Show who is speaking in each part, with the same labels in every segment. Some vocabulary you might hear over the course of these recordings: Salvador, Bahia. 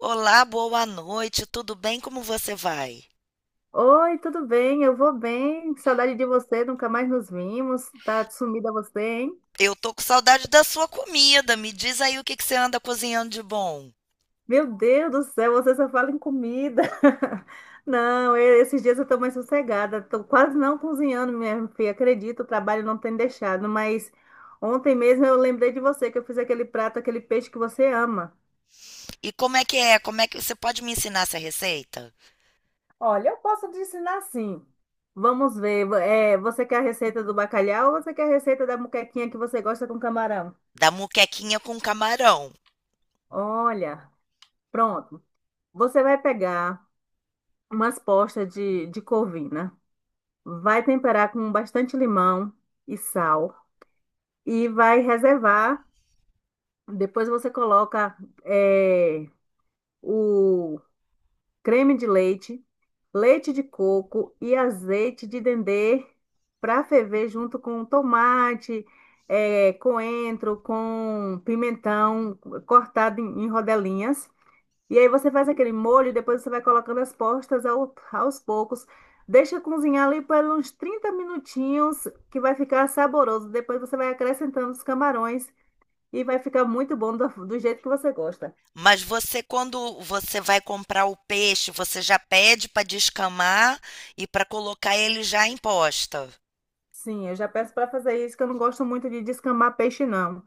Speaker 1: Olá, boa noite, tudo bem? Como você vai?
Speaker 2: Oi, tudo bem? Eu vou bem. Saudade de você, nunca mais nos vimos. Tá sumida você, hein?
Speaker 1: Eu tô com saudade da sua comida. Me diz aí o que que você anda cozinhando de bom.
Speaker 2: Meu Deus do céu, você só fala em comida. Não, esses dias eu tô mais sossegada. Tô quase não cozinhando, minha filha. Acredito, o trabalho não tem deixado. Mas ontem mesmo eu lembrei de você, que eu fiz aquele prato, aquele peixe que você ama.
Speaker 1: E como é que é? Como é que você pode me ensinar essa receita?
Speaker 2: Olha, eu posso te ensinar sim. Vamos ver. É, você quer a receita do bacalhau ou você quer a receita da muquequinha que você gosta com camarão?
Speaker 1: Da muquequinha com camarão.
Speaker 2: Olha, pronto. Você vai pegar umas postas de corvina, vai temperar com bastante limão e sal e vai reservar. Depois você coloca eh, o creme de leite, leite de coco e azeite de dendê para ferver junto com tomate, coentro, com pimentão cortado em rodelinhas. E aí você faz aquele molho, depois você vai colocando as postas aos poucos. Deixa cozinhar ali por uns 30 minutinhos, que vai ficar saboroso. Depois você vai acrescentando os camarões e vai ficar muito bom do jeito que você gosta.
Speaker 1: Mas você, quando você vai comprar o peixe, você já pede para descamar e para colocar ele já em posta.
Speaker 2: Sim, eu já peço para fazer isso, que eu não gosto muito de descamar peixe, não.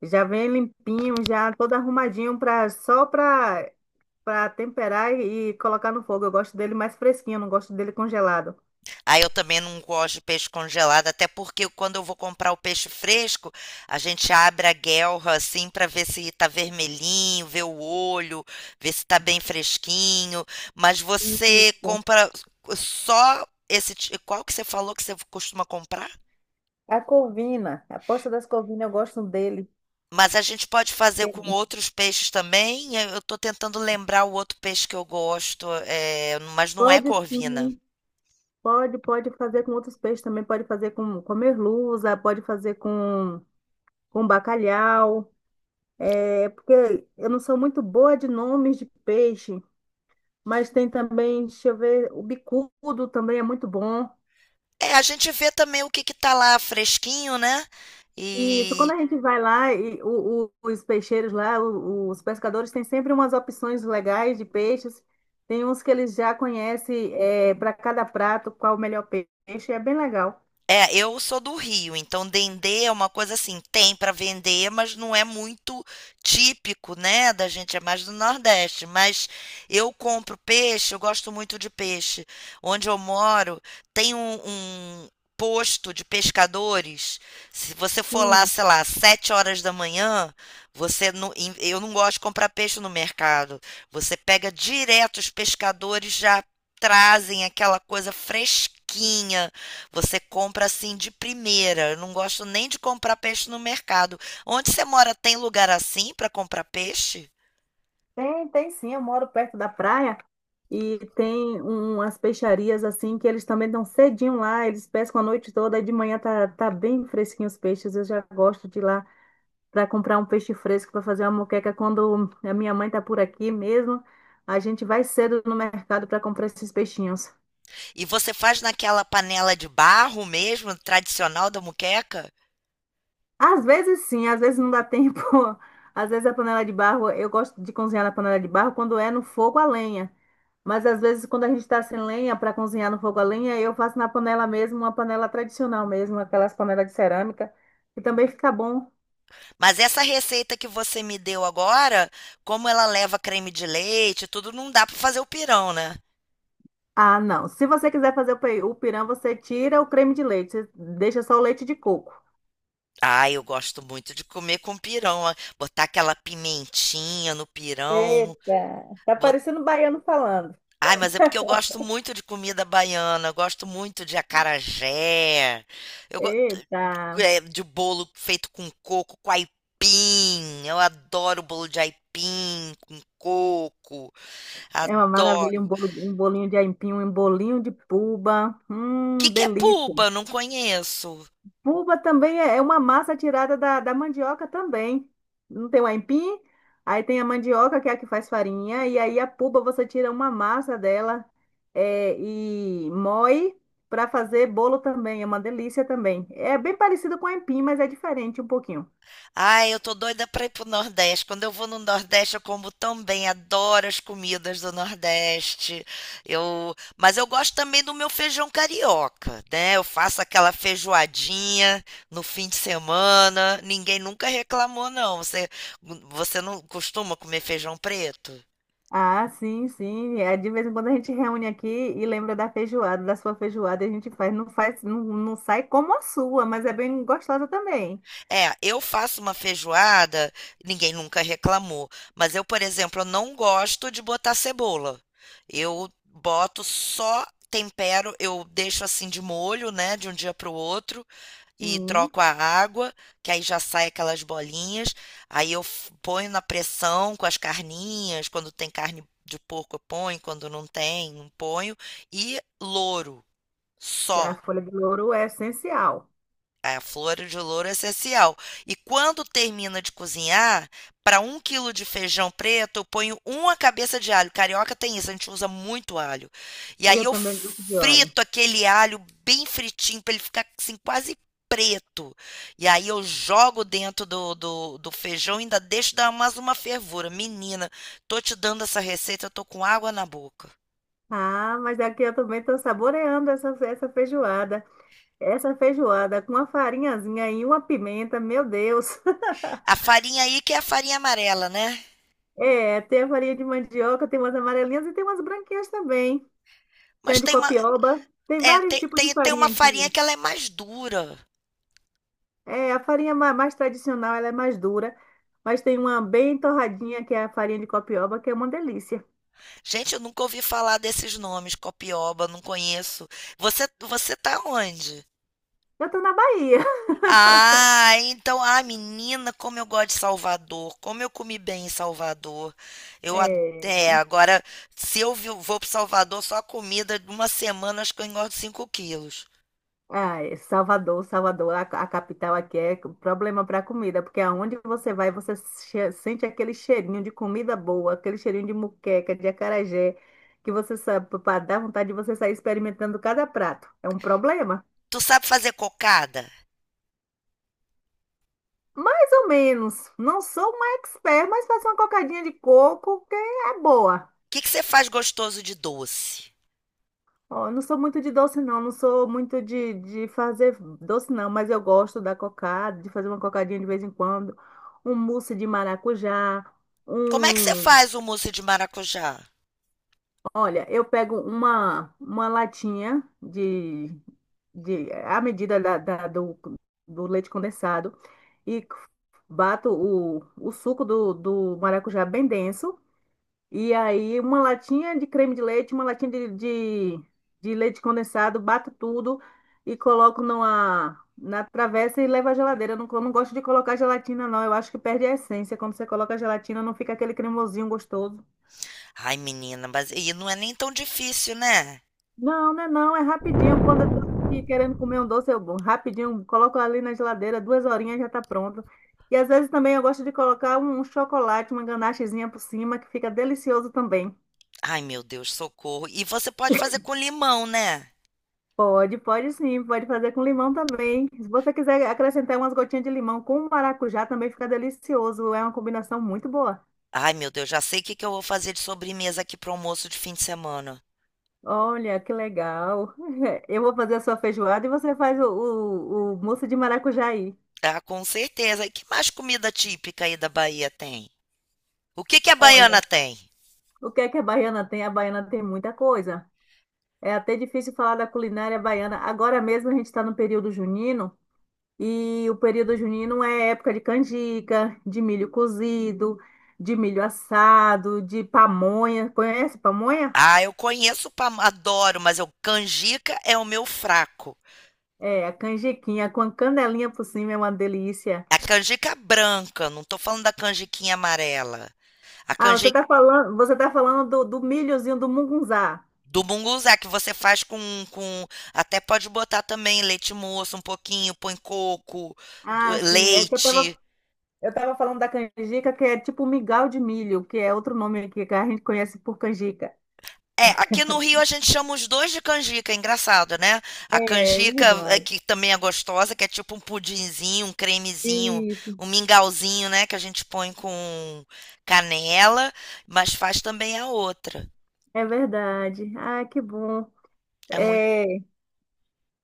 Speaker 2: Já vem limpinho, já todo arrumadinho para só para para temperar e colocar no fogo. Eu gosto dele mais fresquinho, eu não gosto dele congelado.
Speaker 1: Aí eu também não gosto de peixe congelado, até porque quando eu vou comprar o peixe fresco, a gente abre a guelra assim para ver se tá vermelhinho, ver o olho, ver se tá bem fresquinho. Mas você
Speaker 2: Isso.
Speaker 1: compra só esse, qual que você falou que você costuma comprar?
Speaker 2: A corvina, a posta das corvinas, eu gosto dele.
Speaker 1: Mas a gente pode fazer com outros peixes também. Eu estou tentando lembrar o outro peixe que eu gosto, é, mas não é
Speaker 2: Pode
Speaker 1: corvina.
Speaker 2: sim, pode, pode fazer com outros peixes também, pode fazer com merluza, pode fazer com bacalhau, é, porque eu não sou muito boa de nomes de peixe, mas tem também, deixa eu ver, o bicudo também é muito bom.
Speaker 1: É, a gente vê também o que que tá lá fresquinho, né?
Speaker 2: Isso, quando
Speaker 1: E.
Speaker 2: a gente vai lá, e os peixeiros lá, os pescadores têm sempre umas opções legais de peixes, tem uns que eles já conhecem, é, para cada prato, qual o melhor peixe, é bem legal.
Speaker 1: É, eu sou do Rio, então dendê é uma coisa assim, tem para vender, mas não é muito típico, né, da gente, é mais do Nordeste. Mas eu compro peixe, eu gosto muito de peixe. Onde eu moro, tem um posto de pescadores. Se você for lá,
Speaker 2: Sim.
Speaker 1: sei lá, 7h da manhã, você não, em- eu não gosto de comprar peixe no mercado. Você pega direto, os pescadores já trazem aquela coisa fresquinha, você compra assim de primeira. Eu não gosto nem de comprar peixe no mercado. Onde você mora tem lugar assim para comprar peixe?
Speaker 2: Tem, tem sim, eu moro perto da praia e tem umas peixarias assim que eles também dão cedinho lá, eles pescam a noite toda e de manhã tá, tá bem fresquinho os peixes. Eu já gosto de ir lá para comprar um peixe fresco para fazer uma moqueca quando a minha mãe tá por aqui mesmo. A gente vai cedo no mercado para comprar esses peixinhos.
Speaker 1: E você faz naquela panela de barro mesmo, tradicional da muqueca?
Speaker 2: Às vezes sim, às vezes não dá tempo. Às vezes a panela de barro, eu gosto de cozinhar na panela de barro quando é no fogo a lenha. Mas às vezes, quando a gente está sem lenha para cozinhar no fogo a lenha, eu faço na panela mesmo, uma panela tradicional mesmo, aquelas panelas de cerâmica, que também fica bom.
Speaker 1: Mas essa receita que você me deu agora, como ela leva creme de leite, e tudo não dá para fazer o pirão, né?
Speaker 2: Ah, não. Se você quiser fazer o pirão, você tira o creme de leite, você deixa só o leite de coco.
Speaker 1: Ah, eu gosto muito de comer com pirão, ó, botar aquela pimentinha no pirão.
Speaker 2: Eita, tá parecendo um baiano falando.
Speaker 1: Ai, mas é porque eu gosto muito de comida baiana, eu gosto muito de acarajé, eu gosto
Speaker 2: Eita,
Speaker 1: de bolo feito com coco, com aipim. Eu adoro bolo de aipim com coco,
Speaker 2: é uma maravilha,
Speaker 1: adoro.
Speaker 2: um bolinho de aipim, um bolinho de puba.
Speaker 1: O que que é
Speaker 2: Delícia.
Speaker 1: puba? Eu não conheço.
Speaker 2: Puba também é uma massa tirada da mandioca também. Não tem o aipim? Aí tem a mandioca, que é a que faz farinha, e aí a puba você tira uma massa dela é, e moe para fazer bolo também. É uma delícia também. É bem parecido com o aipim, mas é diferente um pouquinho.
Speaker 1: Ai, eu tô doida pra ir pro Nordeste. Quando eu vou no Nordeste, eu como tão bem, adoro as comidas do Nordeste. Mas eu gosto também do meu feijão carioca, né? Eu faço aquela feijoadinha no fim de semana. Ninguém nunca reclamou, não. Você não costuma comer feijão preto?
Speaker 2: Ah, sim, sim. É, de vez em quando a gente reúne aqui e lembra da feijoada, da sua feijoada, e a gente faz, não, não sai como a sua, mas é bem gostosa também.
Speaker 1: É, eu faço uma feijoada, ninguém nunca reclamou. Mas eu, por exemplo, eu não gosto de botar cebola. Eu boto só tempero, eu deixo assim de molho, né, de um dia para o outro e
Speaker 2: Sim,
Speaker 1: troco a água, que aí já sai aquelas bolinhas. Aí eu ponho na pressão com as carninhas, quando tem carne de porco eu ponho, quando não tem, não ponho. E louro,
Speaker 2: a
Speaker 1: só.
Speaker 2: folha de louro é essencial.
Speaker 1: A flor de louro é essencial. E quando termina de cozinhar, para 1 quilo de feijão preto, eu ponho uma cabeça de alho. Carioca tem isso, a gente usa muito alho. E aí
Speaker 2: Eu
Speaker 1: eu
Speaker 2: também gosto de óleo.
Speaker 1: frito aquele alho bem fritinho, para ele ficar assim, quase preto. E aí eu jogo dentro do, do feijão e ainda deixo dar mais uma fervura. Menina, tô te dando essa receita, eu tô com água na boca.
Speaker 2: Ah, mas aqui eu também estou saboreando essa feijoada. Essa feijoada com uma farinhazinha e uma pimenta, meu Deus.
Speaker 1: A farinha aí que é a farinha amarela, né?
Speaker 2: É, tem a farinha de mandioca, tem umas amarelinhas e tem umas branquinhas também. Tem a
Speaker 1: Mas
Speaker 2: de
Speaker 1: tem uma.
Speaker 2: copioba, tem
Speaker 1: É,
Speaker 2: vários
Speaker 1: tem,
Speaker 2: tipos de
Speaker 1: tem, tem uma
Speaker 2: farinha
Speaker 1: farinha
Speaker 2: aqui.
Speaker 1: que ela é mais dura.
Speaker 2: É, mais tradicional, ela é mais dura, mas tem uma bem torradinha, que é a farinha de copioba, que é uma delícia.
Speaker 1: Gente, eu nunca ouvi falar desses nomes, copioba, não conheço. Você tá onde?
Speaker 2: Eu estou na Bahia.
Speaker 1: Ah, então, ah, menina, como eu gosto de Salvador, como eu comi bem em Salvador. Eu ad-
Speaker 2: É.
Speaker 1: É, agora, se vou pro Salvador, só a comida de uma semana, acho que eu engordo 5 quilos.
Speaker 2: Ah, é Salvador, Salvador, a capital aqui é um problema para comida, porque aonde você vai, você sente aquele cheirinho de comida boa, aquele cheirinho de muqueca, de acarajé, que você sabe, para dar vontade de você sair experimentando cada prato. É um problema.
Speaker 1: Tu sabe fazer cocada?
Speaker 2: Mais ou menos. Não sou uma expert, mas faço uma cocadinha de coco que é boa.
Speaker 1: O que que você faz gostoso de doce?
Speaker 2: Ó, eu não sou muito de doce, não. Não sou muito de fazer doce, não. Mas eu gosto da cocada, de fazer uma cocadinha de vez em quando. Um mousse de maracujá.
Speaker 1: Como é que você
Speaker 2: Um...
Speaker 1: faz o mousse de maracujá?
Speaker 2: Olha, eu pego uma latinha A medida do leite condensado. E bato o suco do maracujá bem denso. E aí, uma latinha de creme de leite, uma latinha de leite condensado, bato tudo e coloco numa, na travessa e levo à geladeira. Eu não gosto de colocar gelatina, não. Eu acho que perde a essência. Quando você coloca a gelatina, não fica aquele cremosinho gostoso.
Speaker 1: Ai, menina, mas e não é nem tão difícil, né?
Speaker 2: Não, né? Não, é rapidinho. Quando eu tô aqui querendo comer um doce, eu rapidinho coloco ali na geladeira, duas horinhas já tá pronto. E às vezes também eu gosto de colocar um chocolate, uma ganachezinha por cima, que fica delicioso também.
Speaker 1: Ai, meu Deus, socorro. E você pode fazer com limão, né?
Speaker 2: Pode, pode sim, pode fazer com limão também. Se você quiser acrescentar umas gotinhas de limão com maracujá, também fica delicioso. É uma combinação muito boa.
Speaker 1: Ai, meu Deus, já sei o que que eu vou fazer de sobremesa aqui pro almoço de fim de semana.
Speaker 2: Olha, que legal. Eu vou fazer a sua feijoada e você faz o mousse de maracujá aí.
Speaker 1: Ah, com certeza. E que mais comida típica aí da Bahia tem? O que que a baiana
Speaker 2: Olha,
Speaker 1: tem?
Speaker 2: o que é que a baiana tem? A baiana tem muita coisa. É até difícil falar da culinária baiana. Agora mesmo a gente está no período junino. E o período junino é época de canjica, de milho cozido, de milho assado, de pamonha. Conhece pamonha?
Speaker 1: Ah, eu conheço, adoro, mas eu, canjica é o meu fraco.
Speaker 2: É, a canjiquinha com a canelinha por cima é uma delícia.
Speaker 1: A canjica branca, não tô falando da canjiquinha amarela. A
Speaker 2: Ah, você
Speaker 1: canjiquinha
Speaker 2: está falando, você tá falando do milhozinho do mungunzá.
Speaker 1: do munguzá, que você faz com. Até pode botar também leite moço, um pouquinho, põe coco,
Speaker 2: Ah, sim, é que
Speaker 1: leite.
Speaker 2: eu tava falando da canjica, que é tipo migal de milho, que é outro nome aqui que a gente conhece por canjica.
Speaker 1: É, aqui no Rio a gente chama os dois de canjica, é engraçado, né? A
Speaker 2: É
Speaker 1: canjica, é,
Speaker 2: verdade.
Speaker 1: que também é gostosa, que é tipo um pudinzinho, um cremezinho,
Speaker 2: Isso,
Speaker 1: um mingauzinho, né? Que a gente põe com canela, mas faz também a outra.
Speaker 2: é verdade. Ah, que bom.
Speaker 1: É muito.
Speaker 2: É.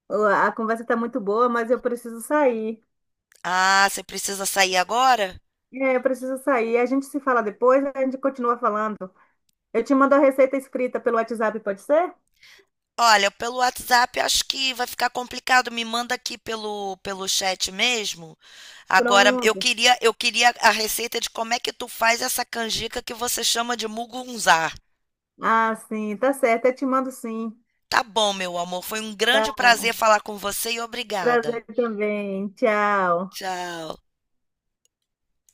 Speaker 2: A conversa está muito boa, mas eu preciso sair.
Speaker 1: Ah, você precisa sair agora?
Speaker 2: É, eu preciso sair. A gente se fala depois, a gente continua falando. Eu te mando a receita escrita pelo WhatsApp, pode ser?
Speaker 1: Olha, pelo WhatsApp eu acho que vai ficar complicado, me manda aqui pelo chat mesmo. Agora eu
Speaker 2: Pronto.
Speaker 1: queria eu queria a receita de como é que tu faz essa canjica que você chama de mugunzá.
Speaker 2: Ah, sim, tá certo. Eu te mando sim.
Speaker 1: Tá bom, meu amor, foi um
Speaker 2: Tá.
Speaker 1: grande prazer falar com você e obrigada.
Speaker 2: Prazer também. Tchau.
Speaker 1: Tchau.